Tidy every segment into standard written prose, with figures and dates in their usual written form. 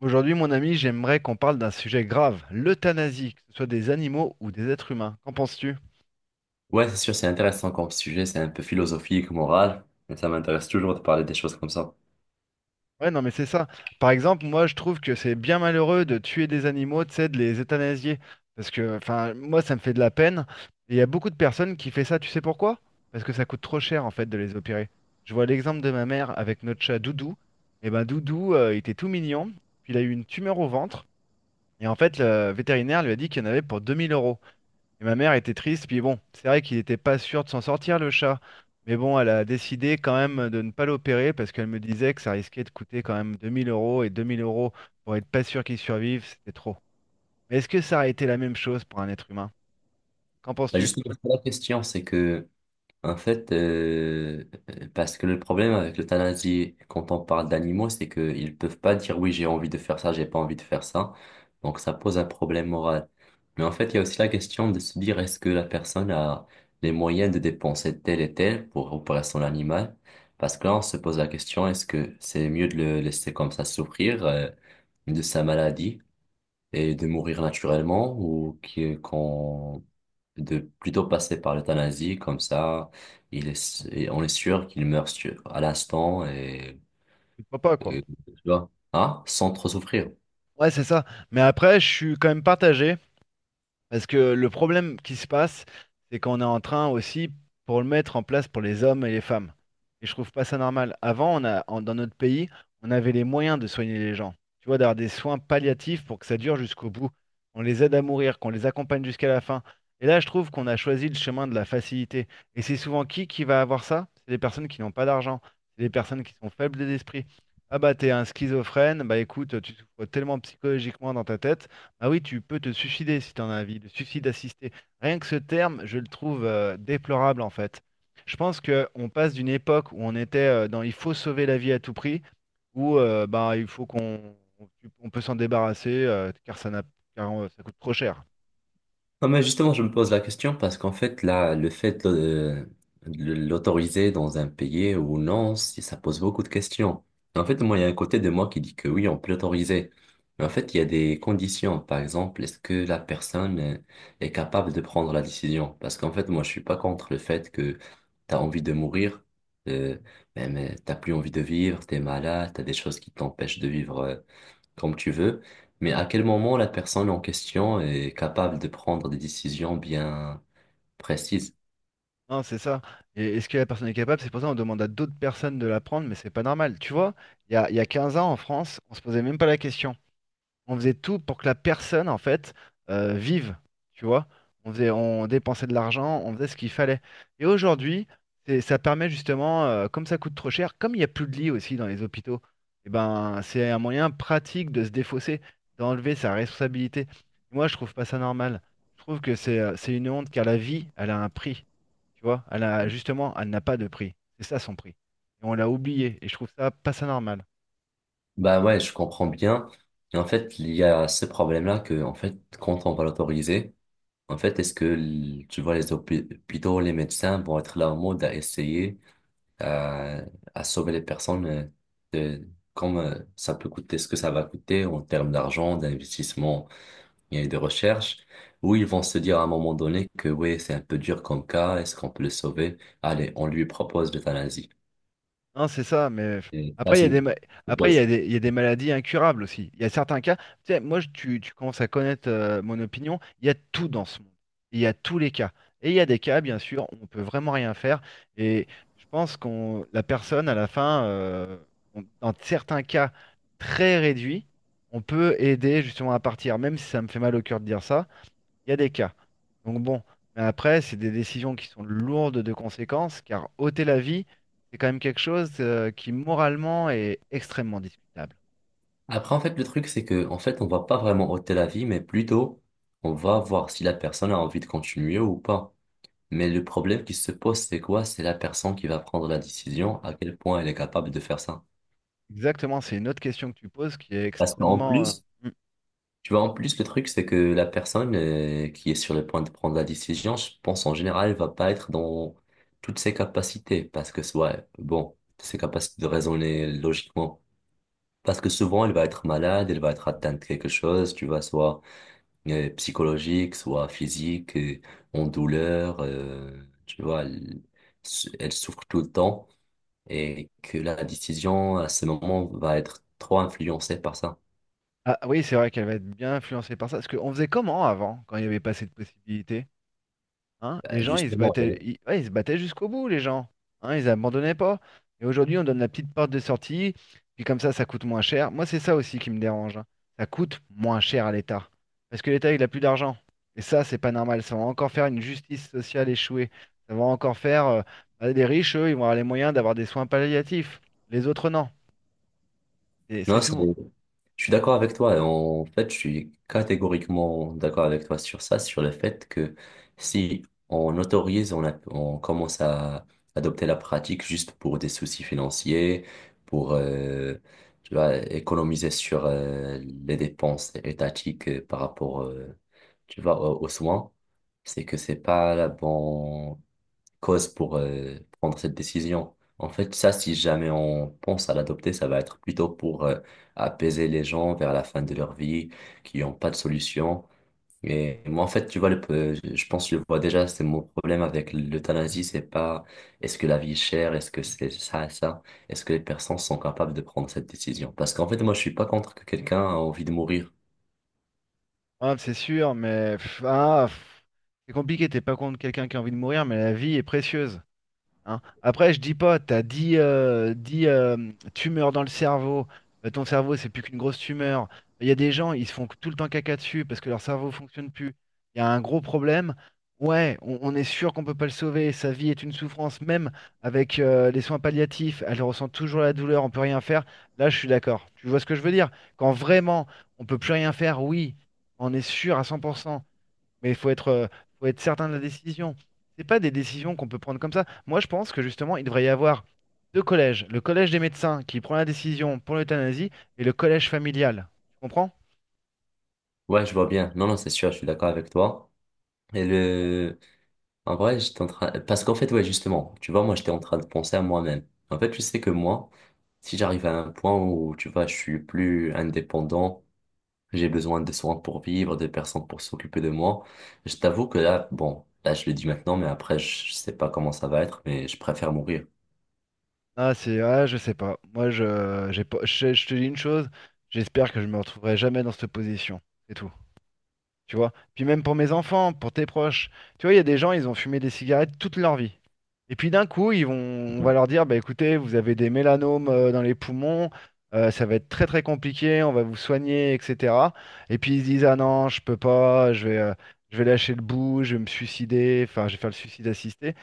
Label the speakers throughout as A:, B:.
A: Aujourd'hui, mon ami, j'aimerais qu'on parle d'un sujet grave, l'euthanasie, que ce soit des animaux ou des êtres humains. Qu'en penses-tu?
B: Ouais, c'est sûr, c'est intéressant comme sujet, c'est un peu philosophique, moral, mais ça m'intéresse toujours de parler des choses comme ça.
A: Ouais, non, mais c'est ça. Par exemple, moi, je trouve que c'est bien malheureux de tuer des animaux, tu sais, de les euthanasier. Parce que, enfin, moi, ça me fait de la peine. Et il y a beaucoup de personnes qui fait ça, tu sais pourquoi? Parce que ça coûte trop cher, en fait, de les opérer. Je vois l'exemple de ma mère avec notre chat Doudou. Et ben, Doudou, il était tout mignon. Puis il a eu une tumeur au ventre. Et en fait, le vétérinaire lui a dit qu'il y en avait pour 2000 euros. Et ma mère était triste, puis bon, c'est vrai qu'il n'était pas sûr de s'en sortir le chat. Mais bon, elle a décidé quand même de ne pas l'opérer parce qu'elle me disait que ça risquait de coûter quand même 2000 euros et 2000 euros pour être pas sûr qu'il survive, c'était trop. Mais est-ce que ça aurait été la même chose pour un être humain? Qu'en
B: Bah,
A: penses-tu?
B: justement, la question, c'est que En fait, parce que le problème avec l'euthanasie, quand on parle d'animaux, c'est qu'ils peuvent pas dire oui, j'ai envie de faire ça, j'ai pas envie de faire ça. Donc ça pose un problème moral. Mais en fait, il y a aussi la question de se dire est-ce que la personne a les moyens de dépenser tel et tel pour opérer son animal? Parce que là, on se pose la question est-ce que c'est mieux de le laisser comme ça souffrir, de sa maladie? Et de mourir naturellement ou qui- qu'on de plutôt passer par l'euthanasie comme ça il est, et on est sûr qu'il meurt à l'instant,
A: Je ne crois pas, quoi.
B: tu vois, hein, sans trop souffrir.
A: Ouais, c'est ça. Mais après, je suis quand même partagé, parce que le problème qui se passe, c'est qu'on est en train aussi pour le mettre en place pour les hommes et les femmes. Et je trouve pas ça normal. Avant, dans notre pays, on avait les moyens de soigner les gens. Tu vois, d'avoir des soins palliatifs pour que ça dure jusqu'au bout. On les aide à mourir, qu'on les accompagne jusqu'à la fin. Et là, je trouve qu'on a choisi le chemin de la facilité. Et c'est souvent qui va avoir ça? C'est les personnes qui n'ont pas d'argent. C'est les personnes qui sont faibles d'esprit. Ah bah t'es un schizophrène, bah écoute, tu souffres tellement psychologiquement dans ta tête. Ah oui, tu peux te suicider si tu en as envie, le suicide assisté. Rien que ce terme, je le trouve déplorable en fait. Je pense qu'on passe d'une époque où on était, dans il faut sauver la vie à tout prix, où bah, il faut qu'on on peut s'en débarrasser, car, ça coûte trop cher.
B: Non, mais justement, je me pose la question parce qu'en fait, là, le fait de l'autoriser dans un pays ou non, ça pose beaucoup de questions. En fait, moi, il y a un côté de moi qui dit que oui, on peut l'autoriser. Mais en fait, il y a des conditions. Par exemple, est-ce que la personne est capable de prendre la décision? Parce qu'en fait, moi, je suis pas contre le fait que tu as envie de mourir, euh, mais t'as plus envie de vivre, t'es malade, t'as des choses qui t'empêchent de vivre comme tu veux, mais à quel moment la personne en question est capable de prendre des décisions bien précises?
A: Non, c'est ça. Et est-ce que la personne est capable? C'est pour ça qu'on demande à d'autres personnes de la prendre, mais c'est pas normal. Tu vois, il y a 15 ans en France, on se posait même pas la question. On faisait tout pour que la personne, en fait, vive, tu vois. On faisait, on dépensait de l'argent, on faisait ce qu'il fallait. Et aujourd'hui, ça permet justement, comme ça coûte trop cher, comme il n'y a plus de lits aussi dans les hôpitaux, et ben, c'est un moyen pratique de se défausser, d'enlever sa responsabilité. Moi, je trouve pas ça normal. Je trouve que c'est une honte, car la vie, elle a un prix, tu vois. Elle a, justement, elle n'a pas de prix. C'est ça son prix. Et on l'a oublié. Et je trouve ça pas ça normal.
B: Bah ouais, je comprends bien. Et en fait, il y a ce problème-là que, en fait, quand on va l'autoriser, en fait, est-ce que, tu vois, les hôpitaux, les médecins vont être là en mode à à, à sauver les personnes de, comme ça peut coûter, ce que ça va coûter en termes d'argent, d'investissement il y et des recherches, où ils vont se dire à un moment donné que oui, c'est un peu dur comme cas, est-ce qu'on peut le sauver? Allez, on lui propose l'euthanasie.
A: Non, c'est ça, mais
B: Et ça,
A: après, il y
B: c'est
A: a
B: une
A: des,
B: question
A: ma-
B: que...
A: après, il y a des maladies incurables aussi. Il y a certains cas, tu sais, moi, tu commences à connaître, mon opinion, il y a tout dans ce monde. Il y a tous les cas. Et il y a des cas, bien sûr, où on peut vraiment rien faire. Et je pense qu'on, la personne, à la fin, dans certains cas très réduits, on peut aider justement à partir, même si ça me fait mal au cœur de dire ça, il y a des cas. Donc bon, mais après, c'est des décisions qui sont lourdes de conséquences, car ôter la vie, c'est quand même quelque chose qui moralement est extrêmement discutable.
B: Après, en fait, le truc, c'est que, en fait, on va pas vraiment ôter la vie, mais plutôt, on va voir si la personne a envie de continuer ou pas. Mais le problème qui se pose, c'est quoi? C'est la personne qui va prendre la décision, à quel point elle est capable de faire ça.
A: Exactement, c'est une autre question que tu poses qui est
B: Parce qu'en
A: extrêmement.
B: plus,
A: Hmm.
B: Tu vois, en plus, le truc, c'est que la personne qui est sur le point de prendre la décision, je pense en général, elle va pas être dans toutes ses capacités, parce que, ouais, bon, ses capacités de raisonner logiquement. Parce que souvent, elle va être malade, elle va être atteinte de quelque chose, tu vois, soit psychologique, soit physique, en douleur, tu vois, elle, elle souffre tout le temps, et que la décision, à ce moment, va être trop influencée par ça.
A: Ah oui, c'est vrai qu'elle va être bien influencée par ça, parce qu'on faisait comment avant, quand il n'y avait pas cette possibilité? Hein,
B: Bah,
A: les gens, ils se
B: Justement,
A: battaient,
B: elle-
A: ils, ouais, ils se battaient jusqu'au bout, les gens. Hein, ils abandonnaient pas. Et aujourd'hui, on donne la petite porte de sortie, puis comme ça coûte moins cher. Moi, c'est ça aussi qui me dérange, hein. Ça coûte moins cher à l'État. Parce que l'État, il a plus d'argent. Et ça, c'est pas normal. Ça va encore faire une justice sociale échouée. Ça va encore faire. Bah, les riches, eux, ils vont avoir les moyens d'avoir des soins palliatifs. Les autres, non. Et c'est
B: non, c'est
A: souvent.
B: Je suis d'accord avec toi. En fait, je suis catégoriquement d'accord avec toi sur ça, sur le fait que si on autorise, on commence à adopter la pratique juste pour des soucis financiers, pour, tu vois, économiser sur les dépenses étatiques par rapport, tu vois, aux soins, c'est que c'est pas la bonne cause pour prendre cette décision. En fait, ça, si jamais on pense à l'adopter, ça va être plutôt pour apaiser les gens vers la fin de leur vie qui n'ont pas de solution. Et moi, en fait, tu vois, je pense que je vois déjà, c'est mon problème avec l'euthanasie, c'est pas est-ce que la vie est chère, est-ce que c'est ça, ça, est-ce que les personnes sont capables de prendre cette décision? Parce qu'en fait, moi, je suis pas contre que quelqu'un a envie de mourir.
A: Ah, c'est sûr, mais, pff, ah, pff, c'est compliqué. T'es pas contre quelqu'un qui a envie de mourir, mais la vie est précieuse, hein. Après, je dis pas, t'as 10 tumeurs dans le cerveau. Ton cerveau, c'est plus qu'une grosse tumeur. Il y a des gens, ils se font tout le temps caca dessus parce que leur cerveau fonctionne plus. Il y a un gros problème. Ouais, on est sûr qu'on peut pas le sauver. Sa vie est une souffrance, même avec, les soins palliatifs. Elle ressent toujours la douleur, on peut rien faire. Là, je suis d'accord. Tu vois ce que je veux dire? Quand vraiment on peut plus rien faire, oui, on est sûr à 100%. Mais faut être certain de la décision. C'est pas des décisions qu'on peut prendre comme ça. Moi, je pense que justement, il devrait y avoir deux collèges. Le collège des médecins qui prend la décision pour l'euthanasie et le collège familial. Tu comprends?
B: Ouais, je vois bien. Non, non, c'est sûr, je suis d'accord avec toi. Et le, En vrai, j'étais en train... Parce qu'en fait, ouais, justement, tu vois, moi, j'étais en train de penser à moi-même. En fait, tu sais que moi, si j'arrive à un point où, tu vois, je suis plus indépendant, j'ai besoin de soins pour vivre, de personnes pour s'occuper de moi, je t'avoue que là, bon, là, je le dis maintenant, mais après, je sais pas comment ça va être, mais je préfère mourir.
A: Ah, je sais pas. Moi, je, j'ai pas, je te dis une chose, j'espère que je me retrouverai jamais dans cette position. C'est tout, tu vois. Puis même pour mes enfants, pour tes proches. Tu vois, il y a des gens, ils ont fumé des cigarettes toute leur vie. Et puis d'un coup, on va
B: Mhm.
A: leur dire, bah écoutez, vous avez des mélanomes dans les poumons, ça va être très très compliqué, on va vous soigner, etc. Et puis ils se disent, ah non, je peux pas, je vais lâcher le bout, je vais me suicider, enfin, je vais faire le suicide assisté.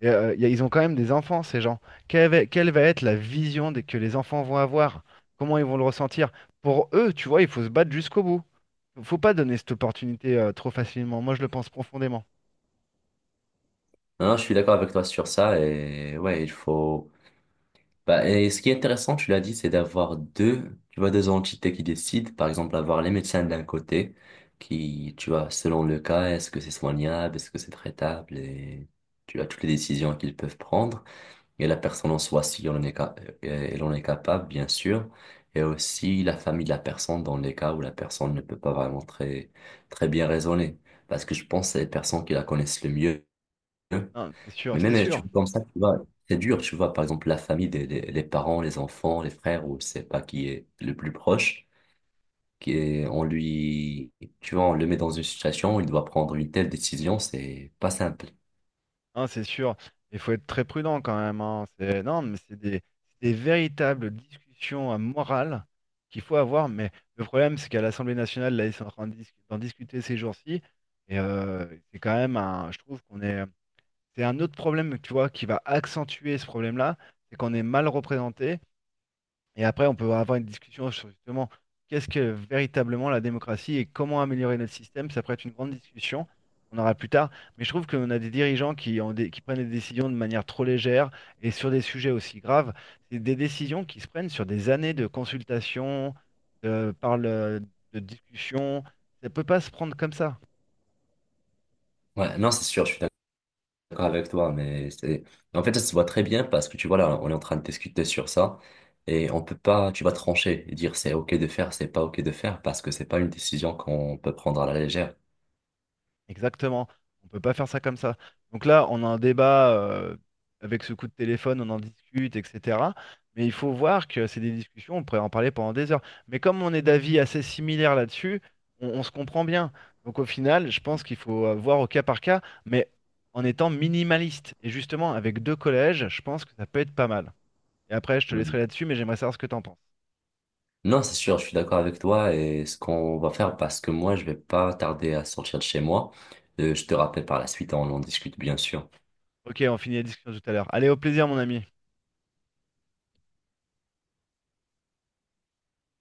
A: Et, ils ont quand même des enfants, ces gens. Quelle va être la vision que les enfants vont avoir? Comment ils vont le ressentir? Pour eux, tu vois, il faut se battre jusqu'au bout. Faut pas donner cette opportunité trop facilement. Moi, je le pense profondément.
B: Non, non, je suis d'accord avec toi sur ça, et ouais, il faut... Bah, et ce qui est intéressant, tu l'as dit, c'est d'avoir deux, tu vois, deux entités qui décident. Par exemple, avoir les médecins d'un côté, qui, tu vois, selon le cas, est-ce que c'est soignable, est-ce que c'est traitable, et tu as toutes les décisions qu'ils peuvent prendre. Et la personne en soi, si on en est, elle en est capable, bien sûr. Et aussi la famille de la personne dans les cas où la personne ne peut pas vraiment très, très bien raisonner. Parce que je pense que c'est les personnes qui la connaissent le mieux.
A: Non, c'est sûr,
B: Mais
A: c'est
B: même, tu
A: sûr.
B: vois, comme ça, tu vois, c'est dur, tu vois, par exemple, la famille, les parents, les enfants, les frères, ou je sais pas qui est le plus proche, on lui, tu vois, on le met dans une situation où il doit prendre une telle décision, c'est pas simple.
A: Hein, c'est sûr. Il faut être très prudent quand même, hein. C'est, non, mais c'est des véritables discussions, morales, qu'il faut avoir. Mais le problème, c'est qu'à l'Assemblée nationale, là, ils sont en train d'en discuter ces jours-ci. Et c'est quand même un. Je trouve qu'on est. C'est un autre problème, tu vois, qui va accentuer ce problème-là, c'est qu'on est mal représenté. Et après, on peut avoir une discussion sur justement qu'est-ce que véritablement la démocratie et comment améliorer notre système. Ça pourrait être une grande discussion. On aura plus tard. Mais je trouve qu'on a des dirigeants qui prennent des décisions de manière trop légère et sur des sujets aussi graves. C'est des décisions qui se prennent sur des années de consultation, de, par le- de discussion. Ça ne peut pas se prendre comme ça.
B: Ouais, non, c'est sûr, je suis d'accord avec toi, mais c'est, en fait, ça se voit très bien parce que tu vois, là, on est en train de discuter sur ça et on peut pas, tu vas trancher et dire c'est OK de faire, c'est pas OK de faire parce que c'est pas une décision qu'on peut prendre à la légère.
A: Exactement. On peut pas faire ça comme ça. Donc là, on a un débat, avec ce coup de téléphone, on en discute, etc. Mais il faut voir que c'est des discussions, on pourrait en parler pendant des heures. Mais comme on est d'avis assez similaires là-dessus, on se comprend bien. Donc au final, je pense qu'il faut, voir au cas par cas, mais en étant minimaliste. Et justement, avec deux collèges, je pense que ça peut être pas mal. Et après, je te laisserai là-dessus, mais j'aimerais savoir ce que t'en penses.
B: Non, c'est sûr, je suis d'accord avec toi, et ce qu'on va faire parce que moi, je vais pas tarder à sortir de chez moi. Je te rappelle par la suite, on en discute bien sûr.
A: Ok, on finit la discussion tout à l'heure. Allez, au plaisir, mon ami.